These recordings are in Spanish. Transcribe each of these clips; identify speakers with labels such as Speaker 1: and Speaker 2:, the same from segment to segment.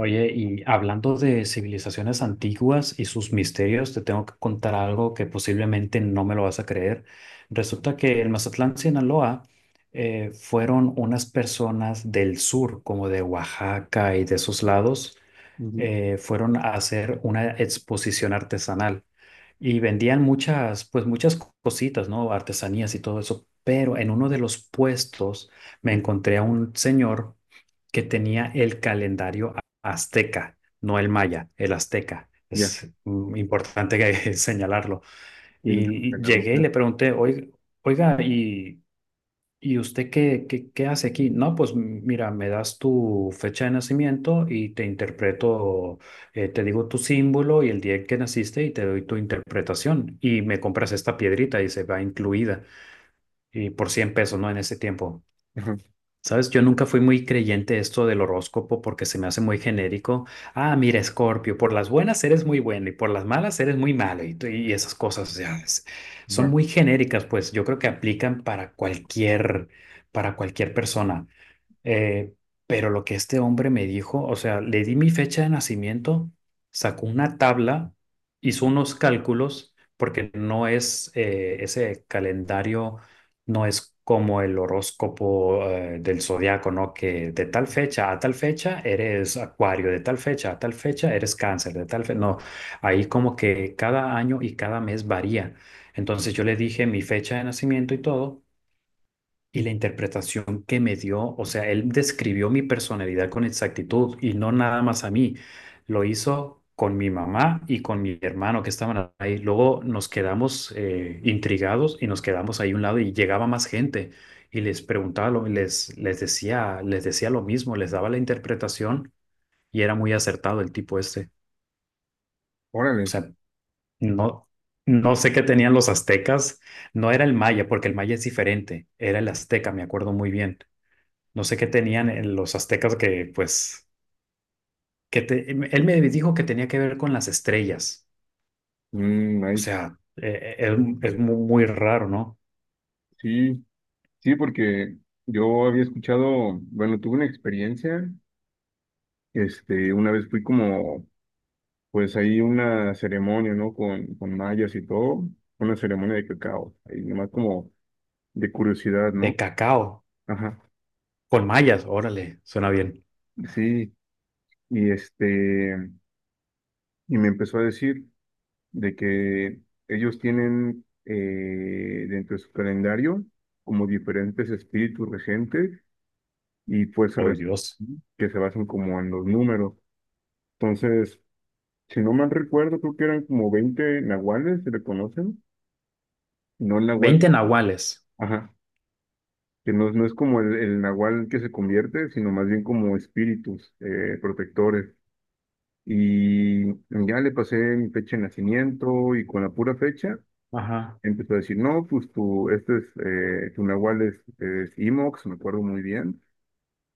Speaker 1: Oye, y hablando de civilizaciones antiguas y sus misterios, te tengo que contar algo que posiblemente no me lo vas a creer. Resulta que en Mazatlán, Sinaloa, fueron unas personas del sur, como de Oaxaca y de esos lados.
Speaker 2: Ujú.
Speaker 1: Fueron a hacer una exposición artesanal y vendían muchas, pues muchas cositas, ¿no? Artesanías y todo eso. Pero en uno de los puestos me encontré a un señor que tenía el calendario azteca, no el maya, el azteca.
Speaker 2: Ya,
Speaker 1: Es importante señalarlo.
Speaker 2: tiene que
Speaker 1: Y
Speaker 2: la
Speaker 1: llegué y
Speaker 2: mujer.
Speaker 1: le pregunté, oiga, ¿y usted qué hace aquí? No, pues mira, me das tu fecha de nacimiento y te interpreto, te digo tu símbolo y el día en que naciste y te doy tu interpretación. Y me compras esta piedrita y se va incluida. Y por $100, ¿no? En ese tiempo.
Speaker 2: Ajá,
Speaker 1: Sabes, yo nunca fui muy creyente de esto del horóscopo porque se me hace muy genérico. Ah, mira, Escorpio, por las buenas eres muy bueno y por las malas eres muy malo y esas cosas, o sea, son
Speaker 2: ajá.
Speaker 1: muy genéricas, pues yo creo que aplican para cualquier persona. Eh, pero lo que este hombre me dijo, o sea, le di mi fecha de nacimiento, sacó una tabla, hizo unos cálculos, porque no es ese calendario, no es como el horóscopo del zodiaco, ¿no? Que de tal fecha a tal fecha eres Acuario, de tal fecha a tal fecha eres Cáncer, de tal fecha, no, ahí como que cada año y cada mes varía. Entonces yo le dije mi fecha de nacimiento y todo. Y la interpretación que me dio, o sea, él describió mi personalidad con exactitud y no nada más a mí. Lo hizo con mi mamá y con mi hermano que estaban ahí. Luego nos quedamos intrigados y nos quedamos ahí a un lado, y llegaba más gente y les preguntaba, les decía lo mismo, les daba la interpretación y era muy acertado el tipo este. O
Speaker 2: Órale.
Speaker 1: sea, no, no sé qué tenían los aztecas, no era el maya, porque el maya es diferente, era el azteca, me acuerdo muy bien. No sé qué tenían en los aztecas que, pues, él me dijo que tenía que ver con las estrellas.
Speaker 2: Mm,
Speaker 1: O
Speaker 2: ahí-
Speaker 1: sea, muy raro, ¿no?
Speaker 2: Sí, sí, porque yo había escuchado, bueno, tuve una experiencia, este, una vez fui como, pues ahí una ceremonia, ¿no? Con mayas y todo, una ceremonia de cacao, ahí nomás como de curiosidad,
Speaker 1: De
Speaker 2: ¿no?
Speaker 1: cacao,
Speaker 2: Ajá,
Speaker 1: con mayas, órale, suena bien.
Speaker 2: sí, y este, y me empezó a decir, de que ellos tienen dentro de su calendario como diferentes espíritus regentes y
Speaker 1: ¡Ay, Dios!
Speaker 2: que se basan como en los números. Entonces, si no mal recuerdo, creo que eran como 20 nahuales, se le conocen, no el nahual,
Speaker 1: 20 nahuales.
Speaker 2: ajá, que no, no es como el nahual que se convierte, sino más bien como espíritus protectores. Y ya le pasé mi fecha de nacimiento y con la pura fecha.
Speaker 1: Ajá,
Speaker 2: Empezó a decir, no, pues tu, este es, tu nahual es, Imox, me acuerdo muy bien,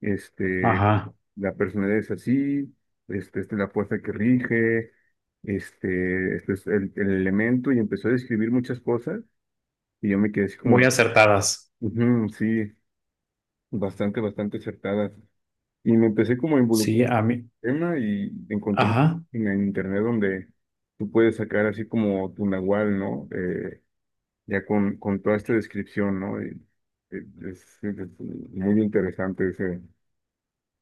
Speaker 2: este,
Speaker 1: ajá.
Speaker 2: la personalidad es así, este, esta es la fuerza que rige, este es el elemento, y empezó a describir muchas cosas, y yo me quedé así como
Speaker 1: Muy
Speaker 2: de,
Speaker 1: acertadas.
Speaker 2: "Ujú, sí, bastante, bastante acertadas", y me empecé como a
Speaker 1: Sí,
Speaker 2: involucrar
Speaker 1: a mí.
Speaker 2: en el tema, y encontré
Speaker 1: Ajá,
Speaker 2: en el internet donde tú puedes sacar así como tu nahual, ¿no? Ya con toda esta descripción, ¿no? Y, eh, es muy interesante ese,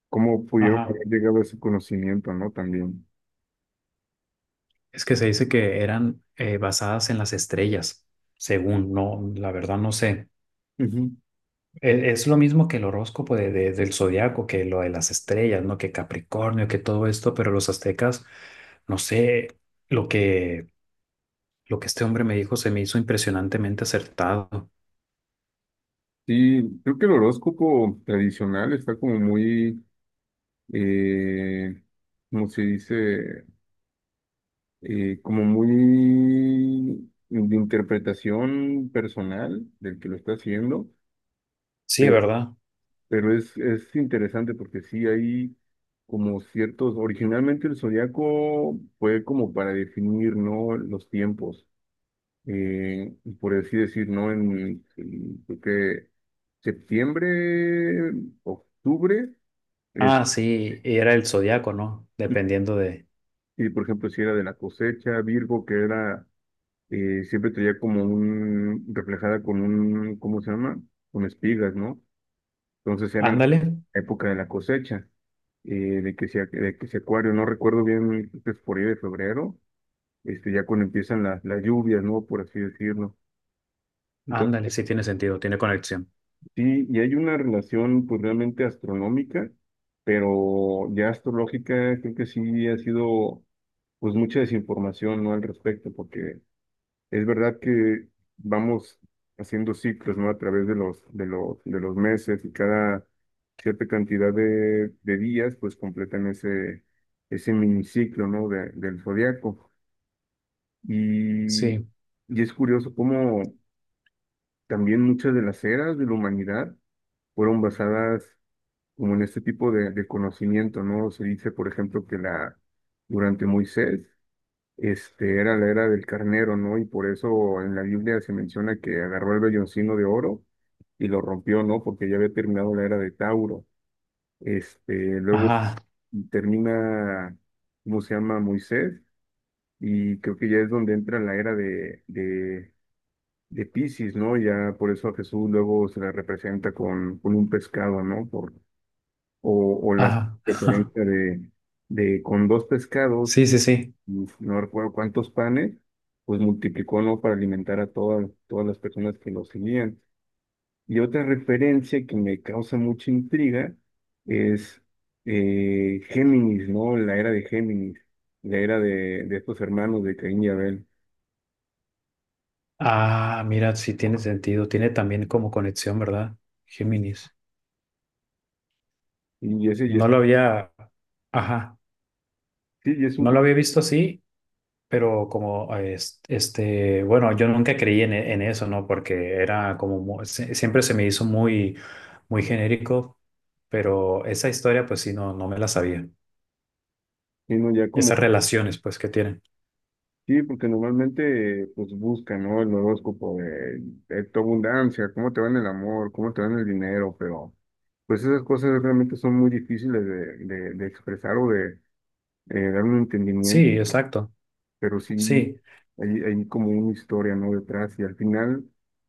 Speaker 2: cómo pudieron
Speaker 1: ajá.
Speaker 2: haber llegado a ese conocimiento, ¿no? También.
Speaker 1: Es que se dice que eran basadas en las estrellas, según, no, la verdad no sé.
Speaker 2: Ujú.
Speaker 1: Es lo mismo que el horóscopo del zodiaco, que lo de las estrellas, ¿no? Que Capricornio, que todo esto, pero los aztecas, no sé, lo que, lo que este hombre me dijo se me hizo impresionantemente acertado.
Speaker 2: Sí, creo que el horóscopo tradicional está como muy, eh, ¿cómo se dice? Como muy de interpretación personal del que lo está haciendo.
Speaker 1: Sí, ¿verdad?
Speaker 2: Pero es interesante porque sí hay como ciertos, originalmente el zodiaco fue como para definir, ¿no? Los tiempos, eh, por así decir, ¿no? Creo que septiembre, octubre, es,
Speaker 1: Ah, sí, y era el zodiaco, ¿no? Dependiendo de.
Speaker 2: y por ejemplo, si era de la cosecha, Virgo, que era, siempre traía como un, reflejada con un, ¿cómo se llama? Con espigas, ¿no? Entonces era la
Speaker 1: Ándale,
Speaker 2: época de la cosecha, eh, de que sea acuario, no recuerdo bien, pues por ahí de febrero, este, ya cuando empiezan las lluvias, ¿no? Por así decirlo.
Speaker 1: ándale,
Speaker 2: Entonces,
Speaker 1: sí tiene sentido, tiene conexión.
Speaker 2: sí, y hay una relación pues realmente astronómica, pero ya astrológica creo que sí ha sido pues mucha desinformación, ¿no? Al respecto, porque es verdad que vamos haciendo ciclos, ¿no? A través de los meses y cada cierta cantidad de días, pues completan ese miniciclo, ¿no? Del zodiaco. Y,
Speaker 1: Sí,
Speaker 2: y es curioso cómo también muchas de las eras de la humanidad fueron basadas como en este tipo de conocimiento, ¿no? Se dice, por ejemplo, que durante Moisés, este, era la era del carnero, ¿no? Y por eso en la Biblia se menciona que agarró el velloncino de oro y lo rompió, ¿no? Porque ya había terminado la era de Tauro. Este, luego
Speaker 1: ajá,
Speaker 2: termina, ¿cómo se llama? Moisés, y creo que ya es donde entra la era de Piscis, ¿no? Ya por eso a Jesús luego se la representa con un pescado, ¿no? O la
Speaker 1: ajá.
Speaker 2: referencia de con dos pescados,
Speaker 1: Sí, sí, sí.
Speaker 2: uf, no recuerdo cuántos panes, pues multiplicó, ¿no? Para alimentar a todas todas las personas que lo seguían. Y otra referencia que me causa mucha intriga es Géminis, ¿no? La era de Géminis, la era de estos hermanos de Caín y Abel.
Speaker 1: Ah, mira, sí tiene sentido, tiene también como conexión, ¿verdad? Géminis.
Speaker 2: Y ese, y
Speaker 1: No
Speaker 2: ese-
Speaker 1: lo había. Ajá.
Speaker 2: sí, y es un,
Speaker 1: No lo
Speaker 2: co-
Speaker 1: había visto así, pero como este, bueno, yo nunca creí en eso, ¿no? Porque era como, siempre se me hizo muy, muy genérico, pero esa historia, pues sí, no, no me la sabía.
Speaker 2: sino ya
Speaker 1: Esas
Speaker 2: como
Speaker 1: relaciones, pues, que tienen.
Speaker 2: sí, porque normalmente pues buscan, ¿no? El horóscopo de tu abundancia, cómo te va en el amor, cómo te va en el dinero, pero pues esas cosas realmente son muy difíciles de expresar o de, dar un
Speaker 1: Sí,
Speaker 2: entendimiento,
Speaker 1: exacto.
Speaker 2: pero sí
Speaker 1: Sí,
Speaker 2: hay como una historia, ¿no? Detrás y al final,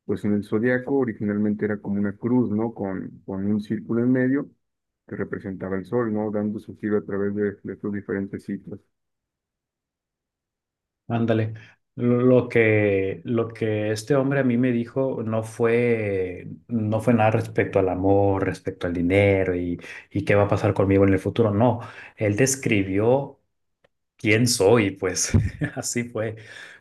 Speaker 2: pues en el zodiaco originalmente era como una cruz, ¿no? Con un círculo en medio que representaba el sol, ¿no? Dando su giro a través de sus diferentes ciclos.
Speaker 1: ándale. Lo que este hombre a mí me dijo no fue nada respecto al amor, respecto al dinero y qué va a pasar conmigo en el futuro. No, él describió quién soy, pues así fue.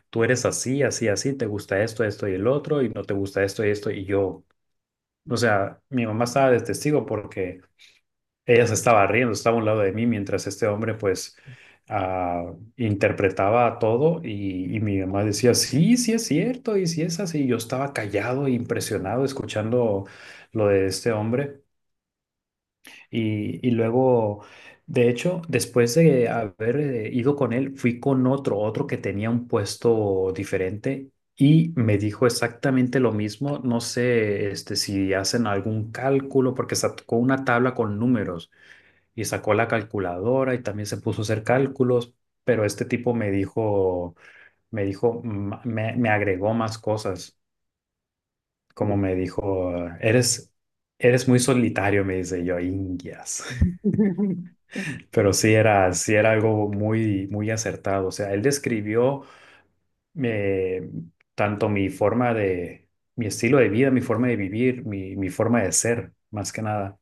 Speaker 1: Tú eres así, así, así, te gusta esto, esto y el otro, y no te gusta esto y esto, y yo. O sea, mi mamá estaba de testigo porque ella se estaba riendo, estaba a un lado de mí mientras este hombre, pues, ah, interpretaba todo, y mi mamá decía, sí, sí es cierto, y sí es así. Y yo estaba callado, e impresionado, escuchando lo de este hombre. Y luego, de hecho, después de haber ido con él, fui con otro que tenía un puesto diferente y me dijo exactamente lo mismo. No sé, este, si hacen algún cálculo, porque sacó una tabla con números y sacó la calculadora y también se puso a hacer cálculos, pero este tipo me dijo, me agregó más cosas, como me dijo, eres, eres muy solitario, me dice yo, Indias. Pero sí era algo muy, muy acertado. O sea, él describió eh, tanto mi forma de, mi estilo de vida, mi forma de vivir, mi forma de ser, más que nada.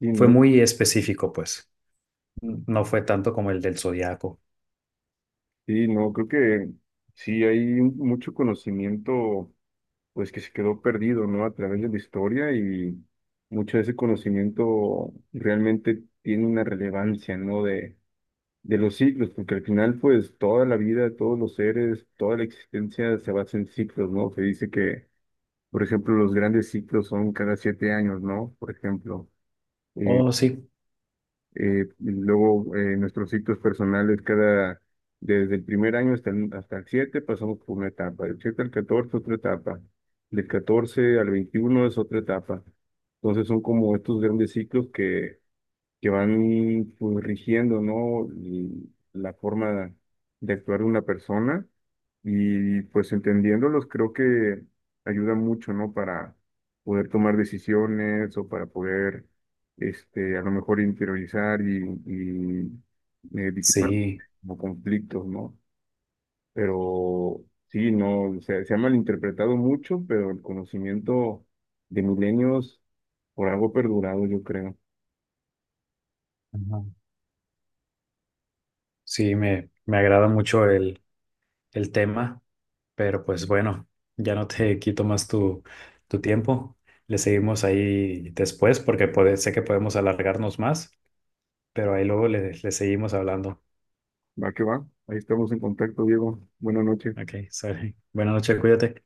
Speaker 2: Y
Speaker 1: Fue
Speaker 2: no.
Speaker 1: muy específico, pues. No fue tanto como el del zodiaco.
Speaker 2: Sí, no, creo que sí hay mucho conocimiento, pues que se quedó perdido, ¿no? A través de la historia y mucho de ese conocimiento realmente tiene una relevancia, ¿no? De los ciclos, porque al final, pues toda la vida, todos los seres, toda la existencia se basa en ciclos, ¿no? Se dice que, por ejemplo, los grandes ciclos son cada 7 años, ¿no? Por ejemplo. eh,
Speaker 1: Oh, sí.
Speaker 2: eh, luego nuestros ciclos personales cada, desde el primer año hasta el 7 pasamos por una etapa, del 7 al 14 otra etapa, del 14 al 21 es otra etapa. Entonces son como estos grandes ciclos que, van pues, rigiendo, ¿no? Y la forma de actuar de una persona y pues entendiéndolos creo que ayuda mucho, ¿no? Para poder tomar decisiones o para poder, este, a lo mejor interiorizar y disipar
Speaker 1: Sí,
Speaker 2: como conflictos, ¿no? Pero sí, no, o sea, se ha malinterpretado mucho, pero el conocimiento de milenios por algo ha perdurado, yo creo.
Speaker 1: ajá. Sí, me agrada mucho el tema, pero pues bueno, ya no te quito más tu tiempo. Le seguimos ahí después porque puede, sé que podemos alargarnos más. Pero ahí luego le seguimos hablando.
Speaker 2: Va que va. Ahí estamos en contacto, Diego. Buenas noches.
Speaker 1: Ok, sale. Buenas noches, cuídate.